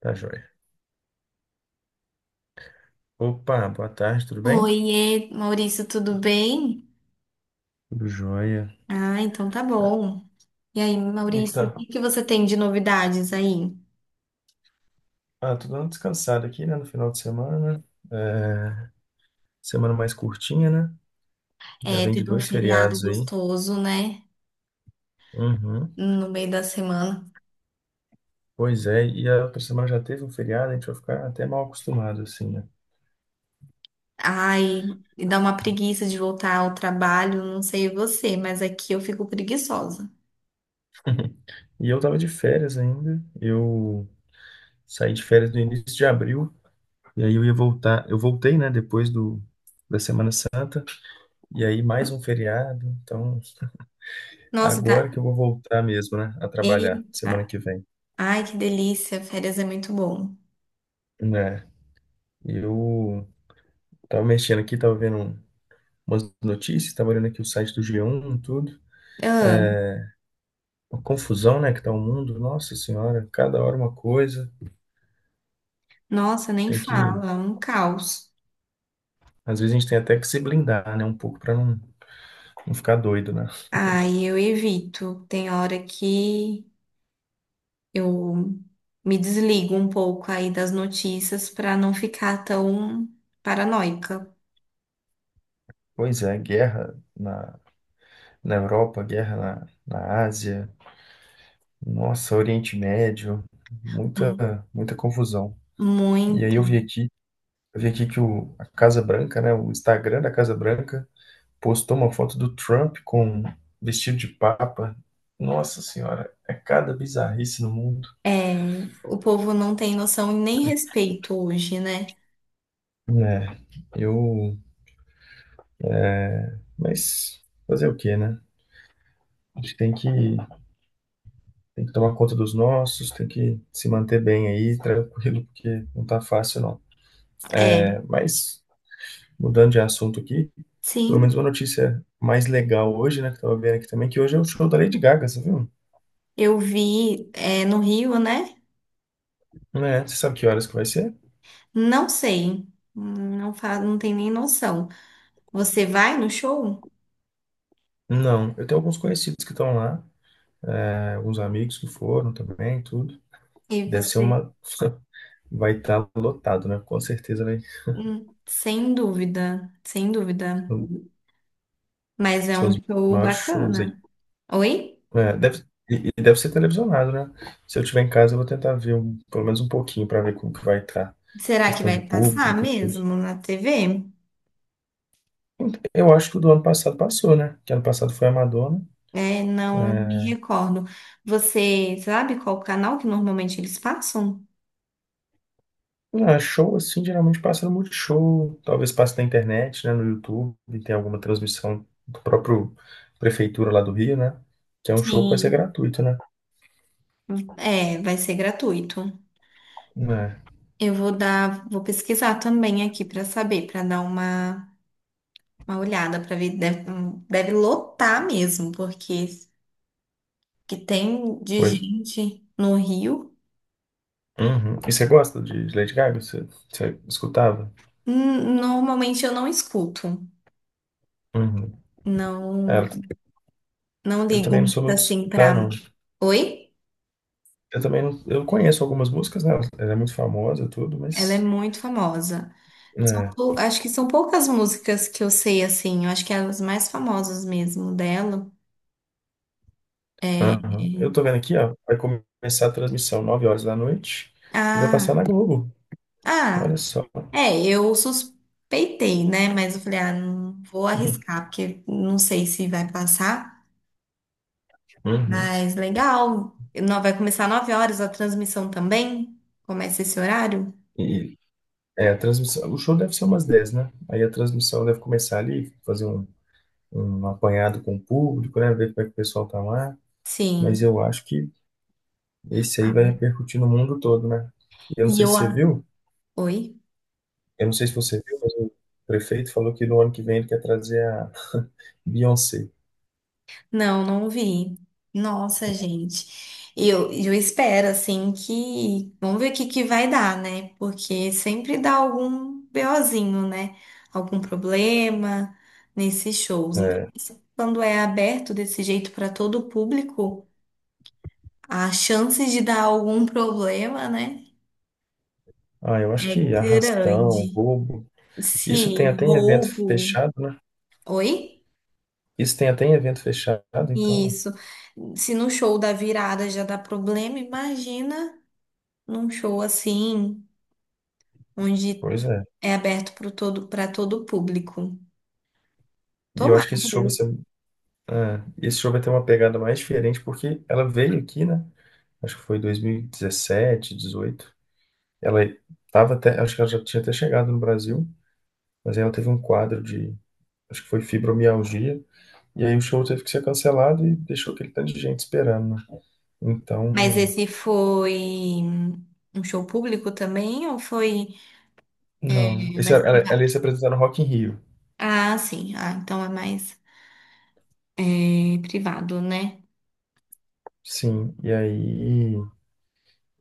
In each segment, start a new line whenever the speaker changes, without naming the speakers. Tá joia. Opa, boa tarde, tudo bem?
Oiê, Maurício, tudo bem?
Tudo jóia.
Ah, então tá bom. E aí,
E que está?
Maurício, o que que você tem de novidades aí?
Ah, tô dando descansado aqui, né, no final de semana. É, semana mais curtinha, né? Já
É,
vem de
teve um
dois
feriado
feriados aí.
gostoso, né?
Uhum.
No meio da semana.
Pois é, e a outra semana já teve um feriado, a gente vai ficar até mal acostumado, assim, né?
Ai, e dá uma preguiça de voltar ao trabalho, não sei você, mas aqui eu fico preguiçosa.
E eu tava de férias ainda. Eu saí de férias no início de abril, e aí eu ia voltar. Eu voltei, né, depois da Semana Santa, e aí mais um feriado, então.
Nossa,
Agora
tá.
que eu vou voltar mesmo, né, a trabalhar semana
Eita.
que vem.
Ai, que delícia, férias é muito bom.
Né? Eu tava mexendo aqui, tava vendo umas notícias, tava olhando aqui o site do G1, tudo.
Ah,
Uma confusão, né, que tá o mundo. Nossa Senhora, cada hora uma coisa.
nossa, nem
Tem que,
fala, é um caos.
Às vezes a gente tem até que se blindar, né, um pouco para não ficar doido, né?
Ai, eu evito. Tem hora que. Eu me desligo um pouco aí das notícias para não ficar tão paranoica.
Pois é, guerra na Europa, guerra na Ásia, nossa, Oriente Médio, muita,
Hum.
muita confusão. E aí
Muito.
eu vi aqui eu vi aqui que a Casa Branca, né, o Instagram da Casa Branca, postou uma foto do Trump com vestido de papa. Nossa senhora, é cada bizarrice no mundo.
É, o povo não tem noção e nem respeito hoje, né?
É, eu. Mas fazer o quê, né? A gente tem que, Tem que tomar conta dos nossos, tem que se manter bem aí, tranquilo, porque não tá fácil, não.
É,
É, mas, mudando de assunto aqui, pelo menos
sim,
uma notícia mais legal hoje, né, que eu tava vendo aqui também, que hoje é o show da Lady Gaga, você viu?
eu vi, é, no Rio, né?
É, você sabe que horas que vai ser?
Não sei, não tem nem noção. Você vai no show
Não, eu tenho alguns conhecidos que estão lá, é, alguns amigos que foram também, tudo.
e
Deve ser
você,
uma. Vai estar lotado, né? Com certeza vai ser
hum, sem dúvida, sem dúvida,
um
mas é um
dos
show
maiores shows aí.
bacana. Oi?
É, deve... E deve ser televisionado, né? Se eu tiver em casa, eu vou tentar ver pelo menos um pouquinho para ver como que vai estar.
Será que
Questão
vai
de
passar
público, e tudo.
mesmo na TV?
Eu acho que o do ano passado passou, né? Que ano passado foi a Madonna.
É, não, eu não me recordo. Você sabe qual canal que normalmente eles passam?
Ah, show assim geralmente passa no Multishow, talvez passe na internet, né, no YouTube, e tem alguma transmissão do próprio prefeitura lá do Rio, né? Que é um show que vai ser
Sim,
gratuito, né?
é, vai ser gratuito.
É,
Eu vou pesquisar também aqui para saber, para dar uma olhada, para ver, deve lotar mesmo, porque que tem de
pois.
gente no Rio.
Uhum. E você gosta de Lady Gaga? Você escutava?
Normalmente eu não escuto.
Uhum.
Não,
Ela-
não
eu
ligo
também não sou
muito
muito de
assim
escutar,
para.
não.
Oi?
Eu também não, eu conheço algumas músicas, né? Ela é muito famosa, e tudo,
Ela é
mas.
muito famosa.
É.
Acho que são poucas músicas que eu sei assim. Eu acho que é as mais famosas mesmo dela.
Aham. Eu tô vendo aqui, ó. Vai começar a transmissão 9 horas da noite e vai passar na
Ah,
Globo. Olha
ah,
só.
é, eu suspeitei, né? Mas eu falei, ah, não vou arriscar, porque não sei se vai passar.
Uhum.
Mas legal. Não, vai começar 9 horas a transmissão também? Começa esse horário?
E é, a transmissão, o show deve ser umas 10 né? Aí a transmissão deve começar ali, fazer um apanhado com o público, né? Ver como é que o pessoal tá lá. Mas
Sim.
eu acho que esse aí
Ah,
vai repercutir no mundo todo, né? E Eu não
E
sei
eu.
se você
a-
viu,
Oi?
eu não sei se você viu, mas o prefeito falou que no ano que vem ele quer trazer a Beyoncé.
Não, não vi. Nossa, gente. Eu espero, assim, que vamos ver o que que vai dar, né? Porque sempre dá algum BOzinho, né? Algum problema nesses shows. Então,
É.
assim, quando é aberto desse jeito para todo o público, a chance de dar algum problema, né?
Ah, eu acho
É
que arrastão,
grande.
roubo. Isso tem
Sim,
até em evento
roubo.
fechado, né?
Oi?
Isso tem até em evento fechado, então,
Isso. Se no show da virada já dá problema, imagina, num show assim, onde
pois é.
é aberto para todo o público.
E eu acho que
Tomara,
esse
meu
show vai ser
Deus.
É, esse show vai ter uma pegada mais diferente porque ela veio aqui, né? Acho que foi 2017, 18. Ela tava até, acho que ela já tinha até chegado no Brasil, mas aí ela teve um quadro de, acho que foi fibromialgia, e aí o show teve que ser cancelado e deixou aquele tanto de gente esperando, né?
Mas
Então,
esse foi um show público também ou foi
não. Esse,
mais
ela ia
privado?
se apresentar no Rock in Rio.
Ah, sim. Ah, então é mais privado, né?
Sim, e aí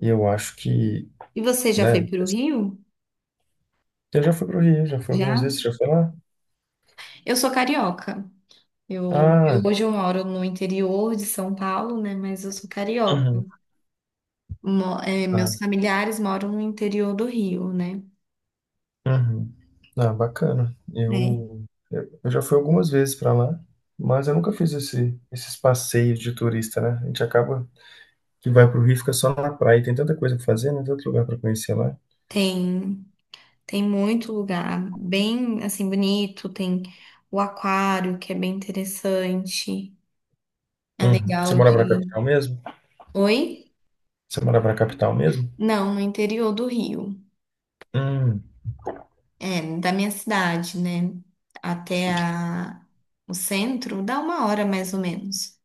e eu acho que,
E você já foi
né?
para o Rio?
Você já foi pro Rio, já foi algumas
Já?
vezes, já foi lá?
Eu sou carioca. Eu, eu-
Ah,
hoje eu moro no interior de São Paulo, né? Mas eu sou carioca.
uhum,
Meus
tá.
familiares moram no interior do Rio, né?
Uhum. Ah, bacana.
É.
Eu já fui algumas vezes para lá, mas eu nunca fiz esses passeios de turista, né? A gente acaba que vai pro Rio e fica só na praia. Tem tanta coisa pra fazer, né? Tanto lugar pra conhecer lá.
Tem Tem muito lugar bem assim bonito, tem o aquário que é bem interessante. É
Uhum. Você
legal de
morava na
ir.
capital mesmo?
Oi?
Você morava na capital mesmo?
Não, no interior do Rio.
Hum,
É, da minha cidade, né? Até a... o centro dá 1 hora mais ou menos.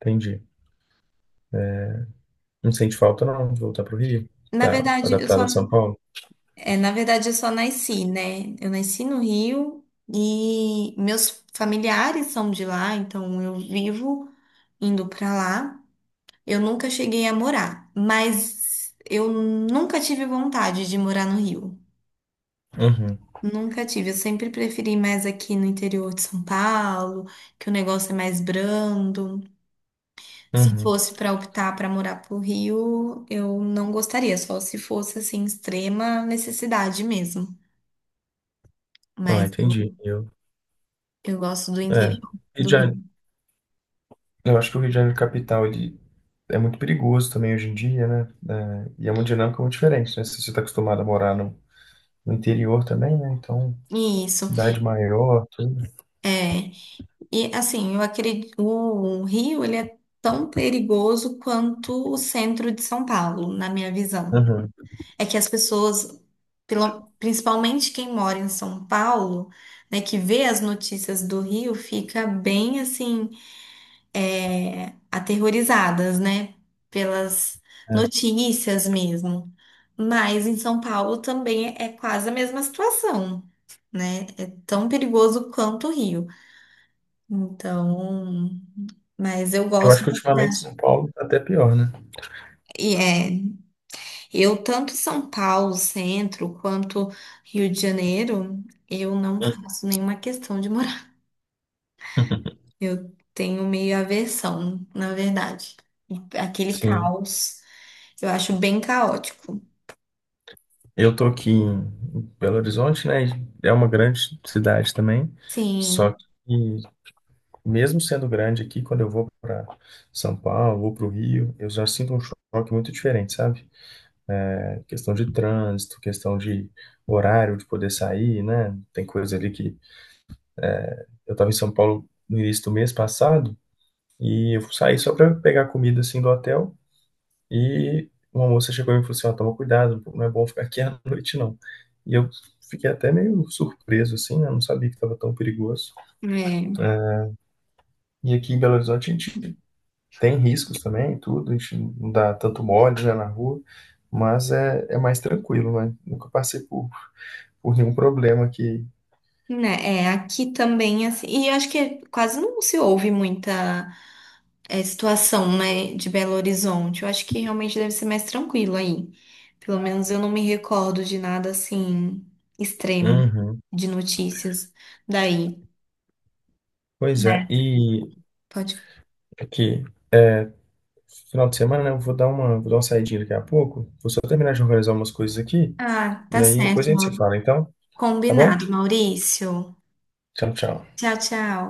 entendi. Não sente falta não de voltar pro Rio?
Na
Tá
verdade, eu
adaptado
só
a São Paulo?
na verdade eu só nasci, né? Eu nasci no Rio e meus familiares são de lá, então eu vivo indo pra lá. Eu nunca cheguei a morar, mas eu nunca tive vontade de morar no Rio.
Uhum,
Nunca tive. Eu sempre preferi mais aqui no interior de São Paulo, que o negócio é mais brando. Se
uhum.
fosse para optar para morar pro Rio, eu não gostaria, só se fosse assim extrema necessidade mesmo.
Ah,
Mas eu,
entendi. Eu,
eu gosto do
é.
interior
Rio
do
de
Rio.
Janeiro Eu acho que o Rio de Janeiro capital ele é muito perigoso também hoje em dia, né? É, e é uma dinâmica muito diferente, né? Se você está acostumado a morar no interior também, né? Então,
Isso.
cidade maior, tudo.
É. E assim, eu acredito, o Rio, ele é tão perigoso quanto o centro de São Paulo, na minha visão.
Uhum,
É que as pessoas, principalmente quem mora em São Paulo, né, que vê as notícias do Rio, fica bem assim, aterrorizadas, né, pelas
é.
notícias mesmo. Mas em São Paulo também é quase a mesma situação, né? É tão perigoso quanto o Rio. Então, mas eu
Eu acho
gosto
que
da
ultimamente São
cidade.
Paulo tá até pior, né?
E eu tanto São Paulo, centro, quanto Rio de Janeiro, eu não
Uhum.
faço nenhuma questão de morar. Eu tenho meio aversão, na verdade. Aquele
Sim.
caos, eu acho bem caótico.
Eu tô aqui em Belo Horizonte, né? e É uma grande cidade também. Só
Sim,
que, mesmo sendo grande aqui, quando eu vou para São Paulo, vou para o Rio, eu já sinto um choque muito diferente, sabe? Questão de trânsito, questão de horário de poder sair, né? Tem coisa ali que eu estava em São Paulo no início do mês passado e eu saí só para pegar comida assim do hotel e uma moça chegou e me falou assim, ó, toma cuidado, não é bom ficar aqui à noite não. E eu fiquei até meio surpreso assim, né? Não sabia que estava tão perigoso.
é,
E aqui em Belo Horizonte a gente tem riscos também, tudo, a gente não dá tanto mole, né, na rua, mas é mais tranquilo, né? Nunca passei por nenhum problema que
né, é aqui também assim. E eu acho que quase não se ouve muita situação, né, de Belo Horizonte. Eu acho que realmente deve ser mais tranquilo aí. Pelo menos eu não me recordo de nada assim extremo
Uhum.
de notícias daí,
Pois é,
né?
e
Pode.
aqui, final de semana, né, eu vou dar uma saidinha daqui a pouco. Vou só terminar de organizar umas coisas aqui,
Ah,
e
tá
aí depois a
certo,
gente se
Mauri.
fala, então, tá bom?
Combinado, Maurício.
Tchau, tchau.
Tchau, tchau.